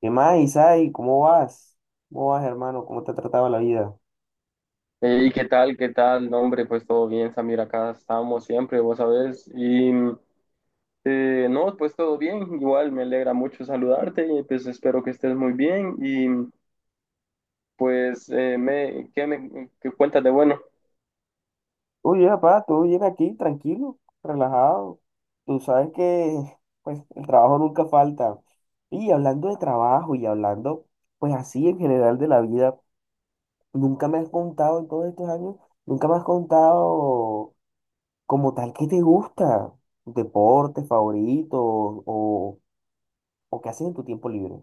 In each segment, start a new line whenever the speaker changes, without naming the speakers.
¿Qué más, Isai? ¿Cómo vas? ¿Cómo vas, hermano? ¿Cómo te ha tratado la vida?
Y ¿qué tal? ¿Qué tal? No, hombre, pues todo bien, Samir, acá estamos siempre, vos sabés. Y no, Pues todo bien, igual me alegra mucho saludarte y pues espero que estés muy bien. Y pues, me qué cuentas de bueno?
Uy, papá, todo bien aquí, tranquilo, relajado. Tú sabes que, pues, el trabajo nunca falta. Y hablando de trabajo y hablando, pues, así en general de la vida, nunca me has contado en todos estos años, nunca me has contado como tal qué te gusta, deporte favorito o qué haces en tu tiempo libre.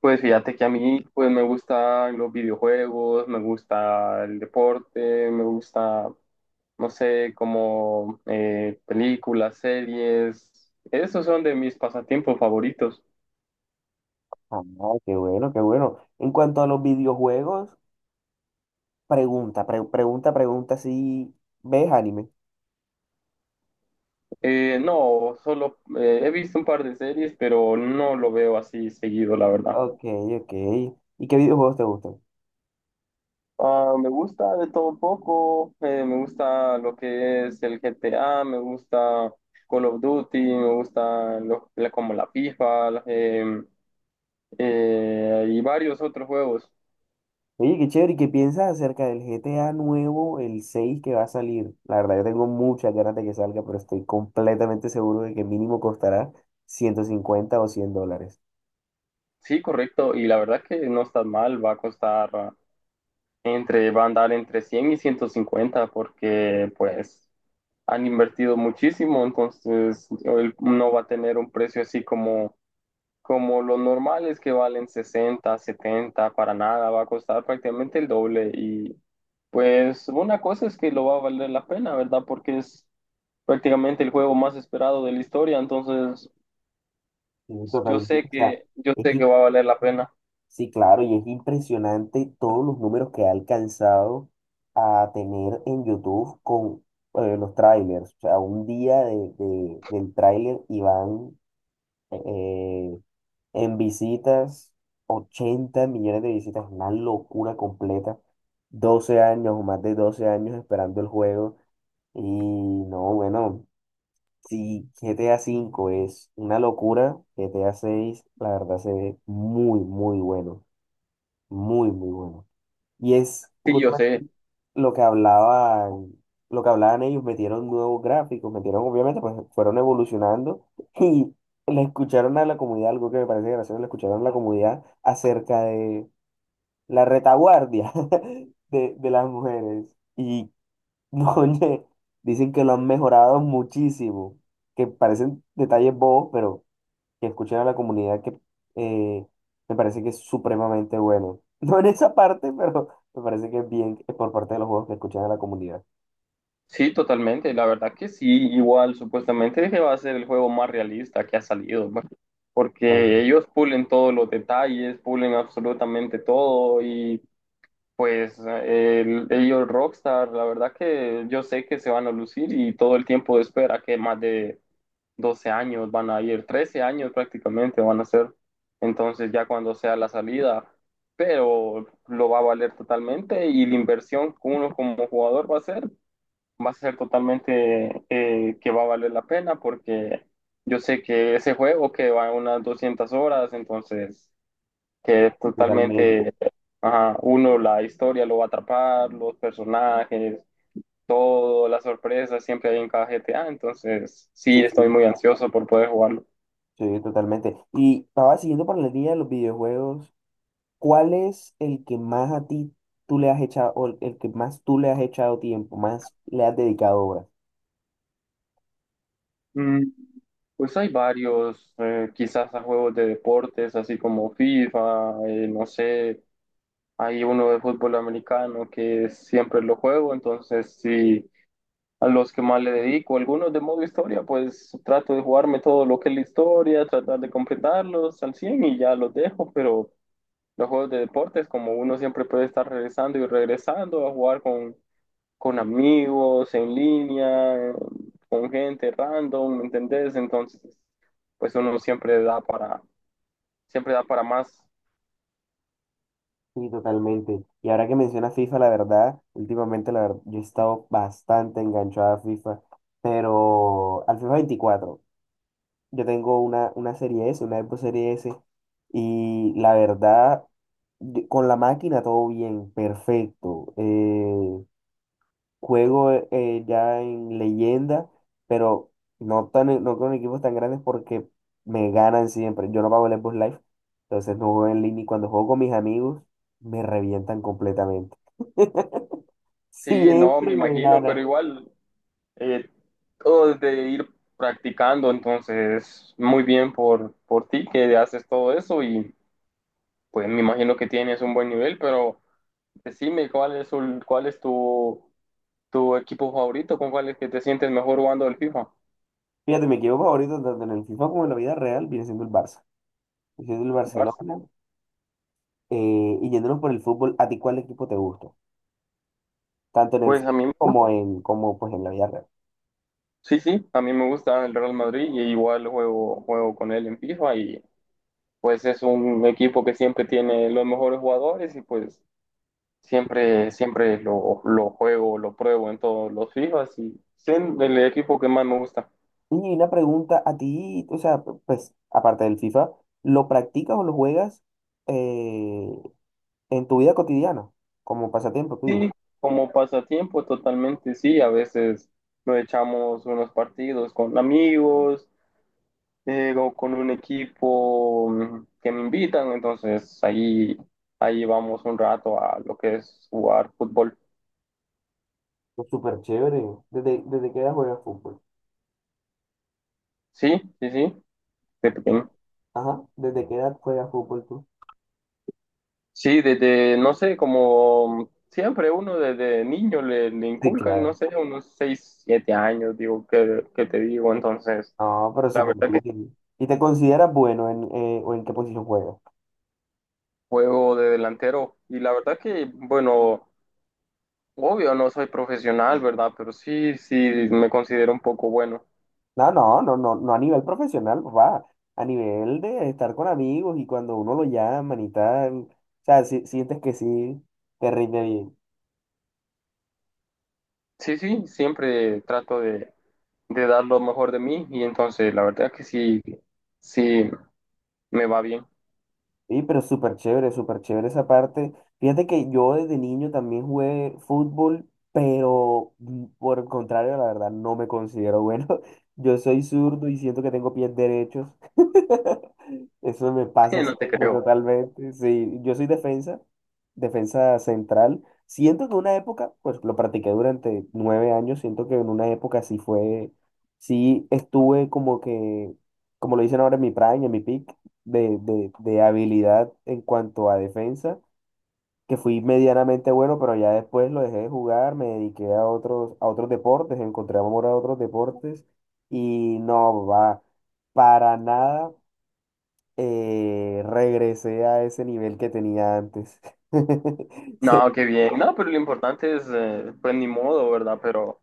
Pues fíjate que a mí pues me gustan los videojuegos, me gusta el deporte, me gusta, no sé, como películas, series. Esos son de mis pasatiempos favoritos.
Ah, qué bueno, qué bueno. En cuanto a los videojuegos, pregunta si ves anime.
No, solo he visto un par de series, pero no lo veo así seguido, la verdad.
Ok, ok. ¿Y qué videojuegos te gustan?
Ah, me gusta de todo un poco, me gusta lo que es el GTA, me gusta Call of Duty, me gusta lo- la- como la FIFA y varios otros juegos.
Oye, qué chévere. ¿Y qué piensas acerca del GTA nuevo, el 6 que va a salir? La verdad, yo tengo muchas ganas de que salga, pero estoy completamente seguro de que mínimo costará 150 o $100.
Sí, correcto, y la verdad que no está mal, va a costar va a andar entre 100 y 150, porque pues han invertido muchísimo, entonces él no va a tener un precio así como, como los normales que valen 60, 70, para nada, va a costar prácticamente el doble. Y pues una cosa es que lo va a valer la pena, ¿verdad? Porque es prácticamente el juego más esperado de la historia, entonces
Sí, totalmente. O sea,
yo
es
sé que va a valer la pena.
sí, claro, y es impresionante todos los números que ha alcanzado a tener en YouTube con los trailers. O sea, un día del trailer y van eh, en visitas 80 millones de visitas, una locura completa. 12 años o más de 12 años esperando el juego. Y no, bueno, si GTA V es una locura, GTA 6 la verdad se ve muy, muy bueno. Muy, muy bueno. Y es
Sí, yo
justamente
sé.
lo que hablaban, lo que hablaban ellos, metieron nuevos gráficos, metieron, obviamente, pues fueron evolucionando y le escucharon a la comunidad, algo que me parece gracioso, le escucharon a la comunidad acerca de la retaguardia de las mujeres. Y no, oye, dicen que lo han mejorado muchísimo, que parecen detalles bobos, pero que escuchen a la comunidad que eh, me parece que es supremamente bueno. No en esa parte, pero me parece que es bien que por parte de los juegos que escuchan a la comunidad.
Sí, totalmente. La verdad que sí, igual supuestamente que va a ser el juego más realista que ha salido, ¿no? Porque ellos pulen todos los detalles, pulen absolutamente todo. Y pues ellos Rockstar, la verdad que yo sé que se van a lucir, y todo el tiempo de espera, que más de 12 años van a ir, 13 años prácticamente van a ser. Entonces ya cuando sea la salida, pero lo va a valer totalmente. Y la inversión que uno como jugador va a hacer va a ser totalmente, que va a valer la pena, porque yo sé que ese juego que va a unas 200 horas, entonces que es
Totalmente.
totalmente, ajá, uno, la historia lo va a atrapar, los personajes, todo, las sorpresas siempre hay en cada GTA. Entonces sí,
Sí,
estoy
sí,
muy ansioso por poder jugarlo.
sí, totalmente. Y estaba siguiendo por la línea de los videojuegos. ¿Cuál es el que más a ti tú le has echado, o el que más tú le has echado tiempo, más le has dedicado horas?
Mm, pues hay varios, quizás a juegos de deportes, así como FIFA, no sé, hay uno de fútbol americano que siempre lo juego, entonces sí, a los que más le dedico, algunos de modo historia, pues trato de jugarme todo lo que es la historia, tratar de completarlos al 100 y ya los dejo. Pero los juegos de deportes, como uno siempre puede estar regresando y regresando a jugar con amigos, en línea, con gente random, ¿me entendés? Entonces, pues uno siempre da para más.
Sí, totalmente. Y ahora que mencionas FIFA, la verdad, últimamente la verdad, yo he estado bastante enganchado a FIFA, pero al FIFA 24. Yo tengo una serie S, una Xbox serie S, y la verdad, con la máquina todo bien, perfecto. Juego ya en leyenda, pero no con equipos tan grandes porque me ganan siempre. Yo no pago el Xbox Live, entonces no juego en línea, y cuando juego con mis amigos me revientan completamente.
Sí, no, me
Siempre me
imagino, pero
ganan.
igual eh, todo de ir practicando, entonces muy bien por ti que haces todo eso. Y pues me imagino que tienes un buen nivel, pero decime cuál es tu, tu equipo favorito, con cuál es que te sientes mejor jugando el FIFA.
Fíjate, mi equipo favorito tanto en el FIFA como en la vida real viene siendo el Barça. Viene siendo el
Barça.
Barcelona. Y yéndonos por el fútbol, ¿a ti cuál equipo te gusta? Tanto en el
Pues a
fútbol
mí,
como, pues, en la vida real.
sí, sí, a mí me gusta el Real Madrid, y igual juego, juego con él en FIFA. Y pues es un equipo que siempre tiene los mejores jugadores. Y pues siempre, siempre lo juego, lo pruebo en todos los FIFAs y es el equipo que más me gusta.
Y una pregunta, ¿a ti, o sea, pues aparte del FIFA, lo practicas o lo juegas eh, en tu vida cotidiana? Como pasatiempo tuyo.
Sí, como pasatiempo, totalmente sí. A veces nos echamos unos partidos con amigos, o con un equipo, que me invitan. Entonces ahí vamos un rato a lo que es jugar fútbol.
Pues súper chévere. ¿Desde qué edad juegas fútbol?
Sí, sí, sí, de
De-
pequeño.
Ajá, ¿desde qué edad juegas fútbol tú?
Sí, desde, no sé, como siempre uno desde niño le, le
Sí,
inculcan,
claro.
no sé, unos 6 7 años, digo, que te digo, entonces,
No, pero
la
súper
verdad que
bien. ¿Y te consideras bueno o en qué posición juegas?
juego de delantero. Y la verdad que, bueno, obvio no soy profesional, ¿verdad? Pero sí, sí, me considero un poco bueno.
No, no, no, no, no a nivel profesional, va, a nivel de estar con amigos y cuando uno lo llaman y tal, o sea, si, sientes que sí, te rinde bien.
Sí, sí, siempre trato de dar lo mejor de mí. Y entonces la verdad que sí, sí, me va bien.
Sí, pero súper chévere esa parte. Fíjate que yo desde niño también jugué fútbol, pero por el contrario, la verdad, no me considero bueno. Yo soy zurdo y siento que tengo pies derechos. Eso me pasa
No te
siempre
creo.
totalmente. Sí, yo soy defensa, defensa central. Siento que una época, pues lo practiqué durante 9 años, siento que en una época sí fue, sí estuve como que, como lo dicen ahora en mi prime, en mi peak, de habilidad en cuanto a defensa, que fui medianamente bueno, pero ya después lo dejé de jugar, me dediqué a otros deportes, encontré amor a otros deportes y no va, para nada regresé a ese nivel que tenía antes. Se
No, qué bien. No, pero lo importante es, pues ni modo, ¿verdad? Pero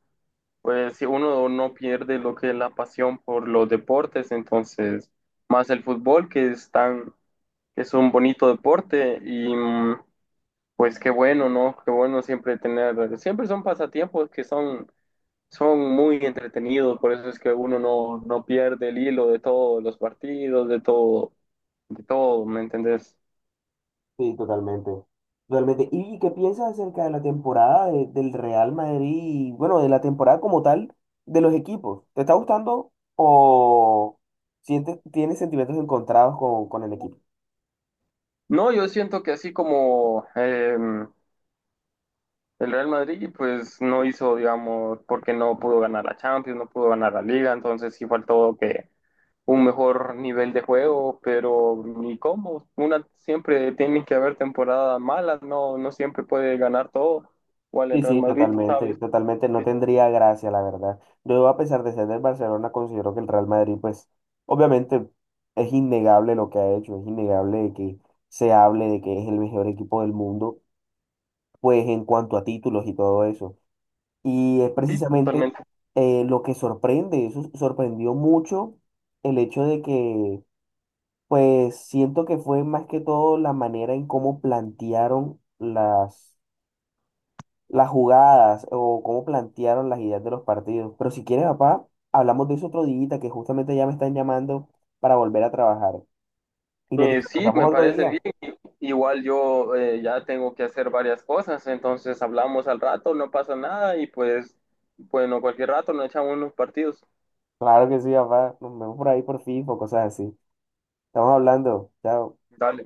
pues si uno no pierde lo que es la pasión por los deportes, entonces más el fútbol, que es tan, que es un bonito deporte. Y mm, pues qué bueno, ¿no? Qué bueno siempre tener, siempre son pasatiempos que son, son muy entretenidos, por eso es que uno no, no pierde el hilo de todos los partidos, de todo, ¿me entendés?
Sí, totalmente. Totalmente. ¿Y qué piensas acerca de la temporada del Real Madrid? Bueno, de la temporada como tal de los equipos. ¿Te está gustando o sientes, tienes sentimientos encontrados con el equipo?
No, yo siento que así como, el Real Madrid, pues no hizo, digamos, porque no pudo ganar la Champions, no pudo ganar la Liga, entonces sí faltó que un mejor nivel de juego. Pero ni cómo, una siempre tiene que haber temporadas malas, no, no siempre puede ganar todo, igual el
Sí,
Real
sí,
Madrid,
totalmente,
sabes,
totalmente. No tendría gracia, la verdad. Yo, a pesar de ser del Barcelona, considero que el Real Madrid, pues, obviamente es innegable lo que ha hecho, es innegable de que se hable de que es el mejor equipo del mundo, pues en cuanto a títulos y todo eso. Y es
sí,
precisamente
totalmente.
lo que sorprende, eso sorprendió mucho el hecho de que, pues siento que fue más que todo la manera en cómo plantearon las jugadas o cómo plantearon las ideas de los partidos. Pero si quieres, papá, hablamos de eso otro día, que justamente ya me están llamando para volver a trabajar. Y nos
Sí,
descansamos
me
otro
parece
día.
bien, igual yo ya tengo que hacer varias cosas, entonces hablamos al rato, no pasa nada. Y pues, bueno, cualquier rato nos echamos unos partidos.
Claro que sí, papá. Nos vemos por ahí por FIFA o cosas así. Estamos hablando. Chao.
Dale.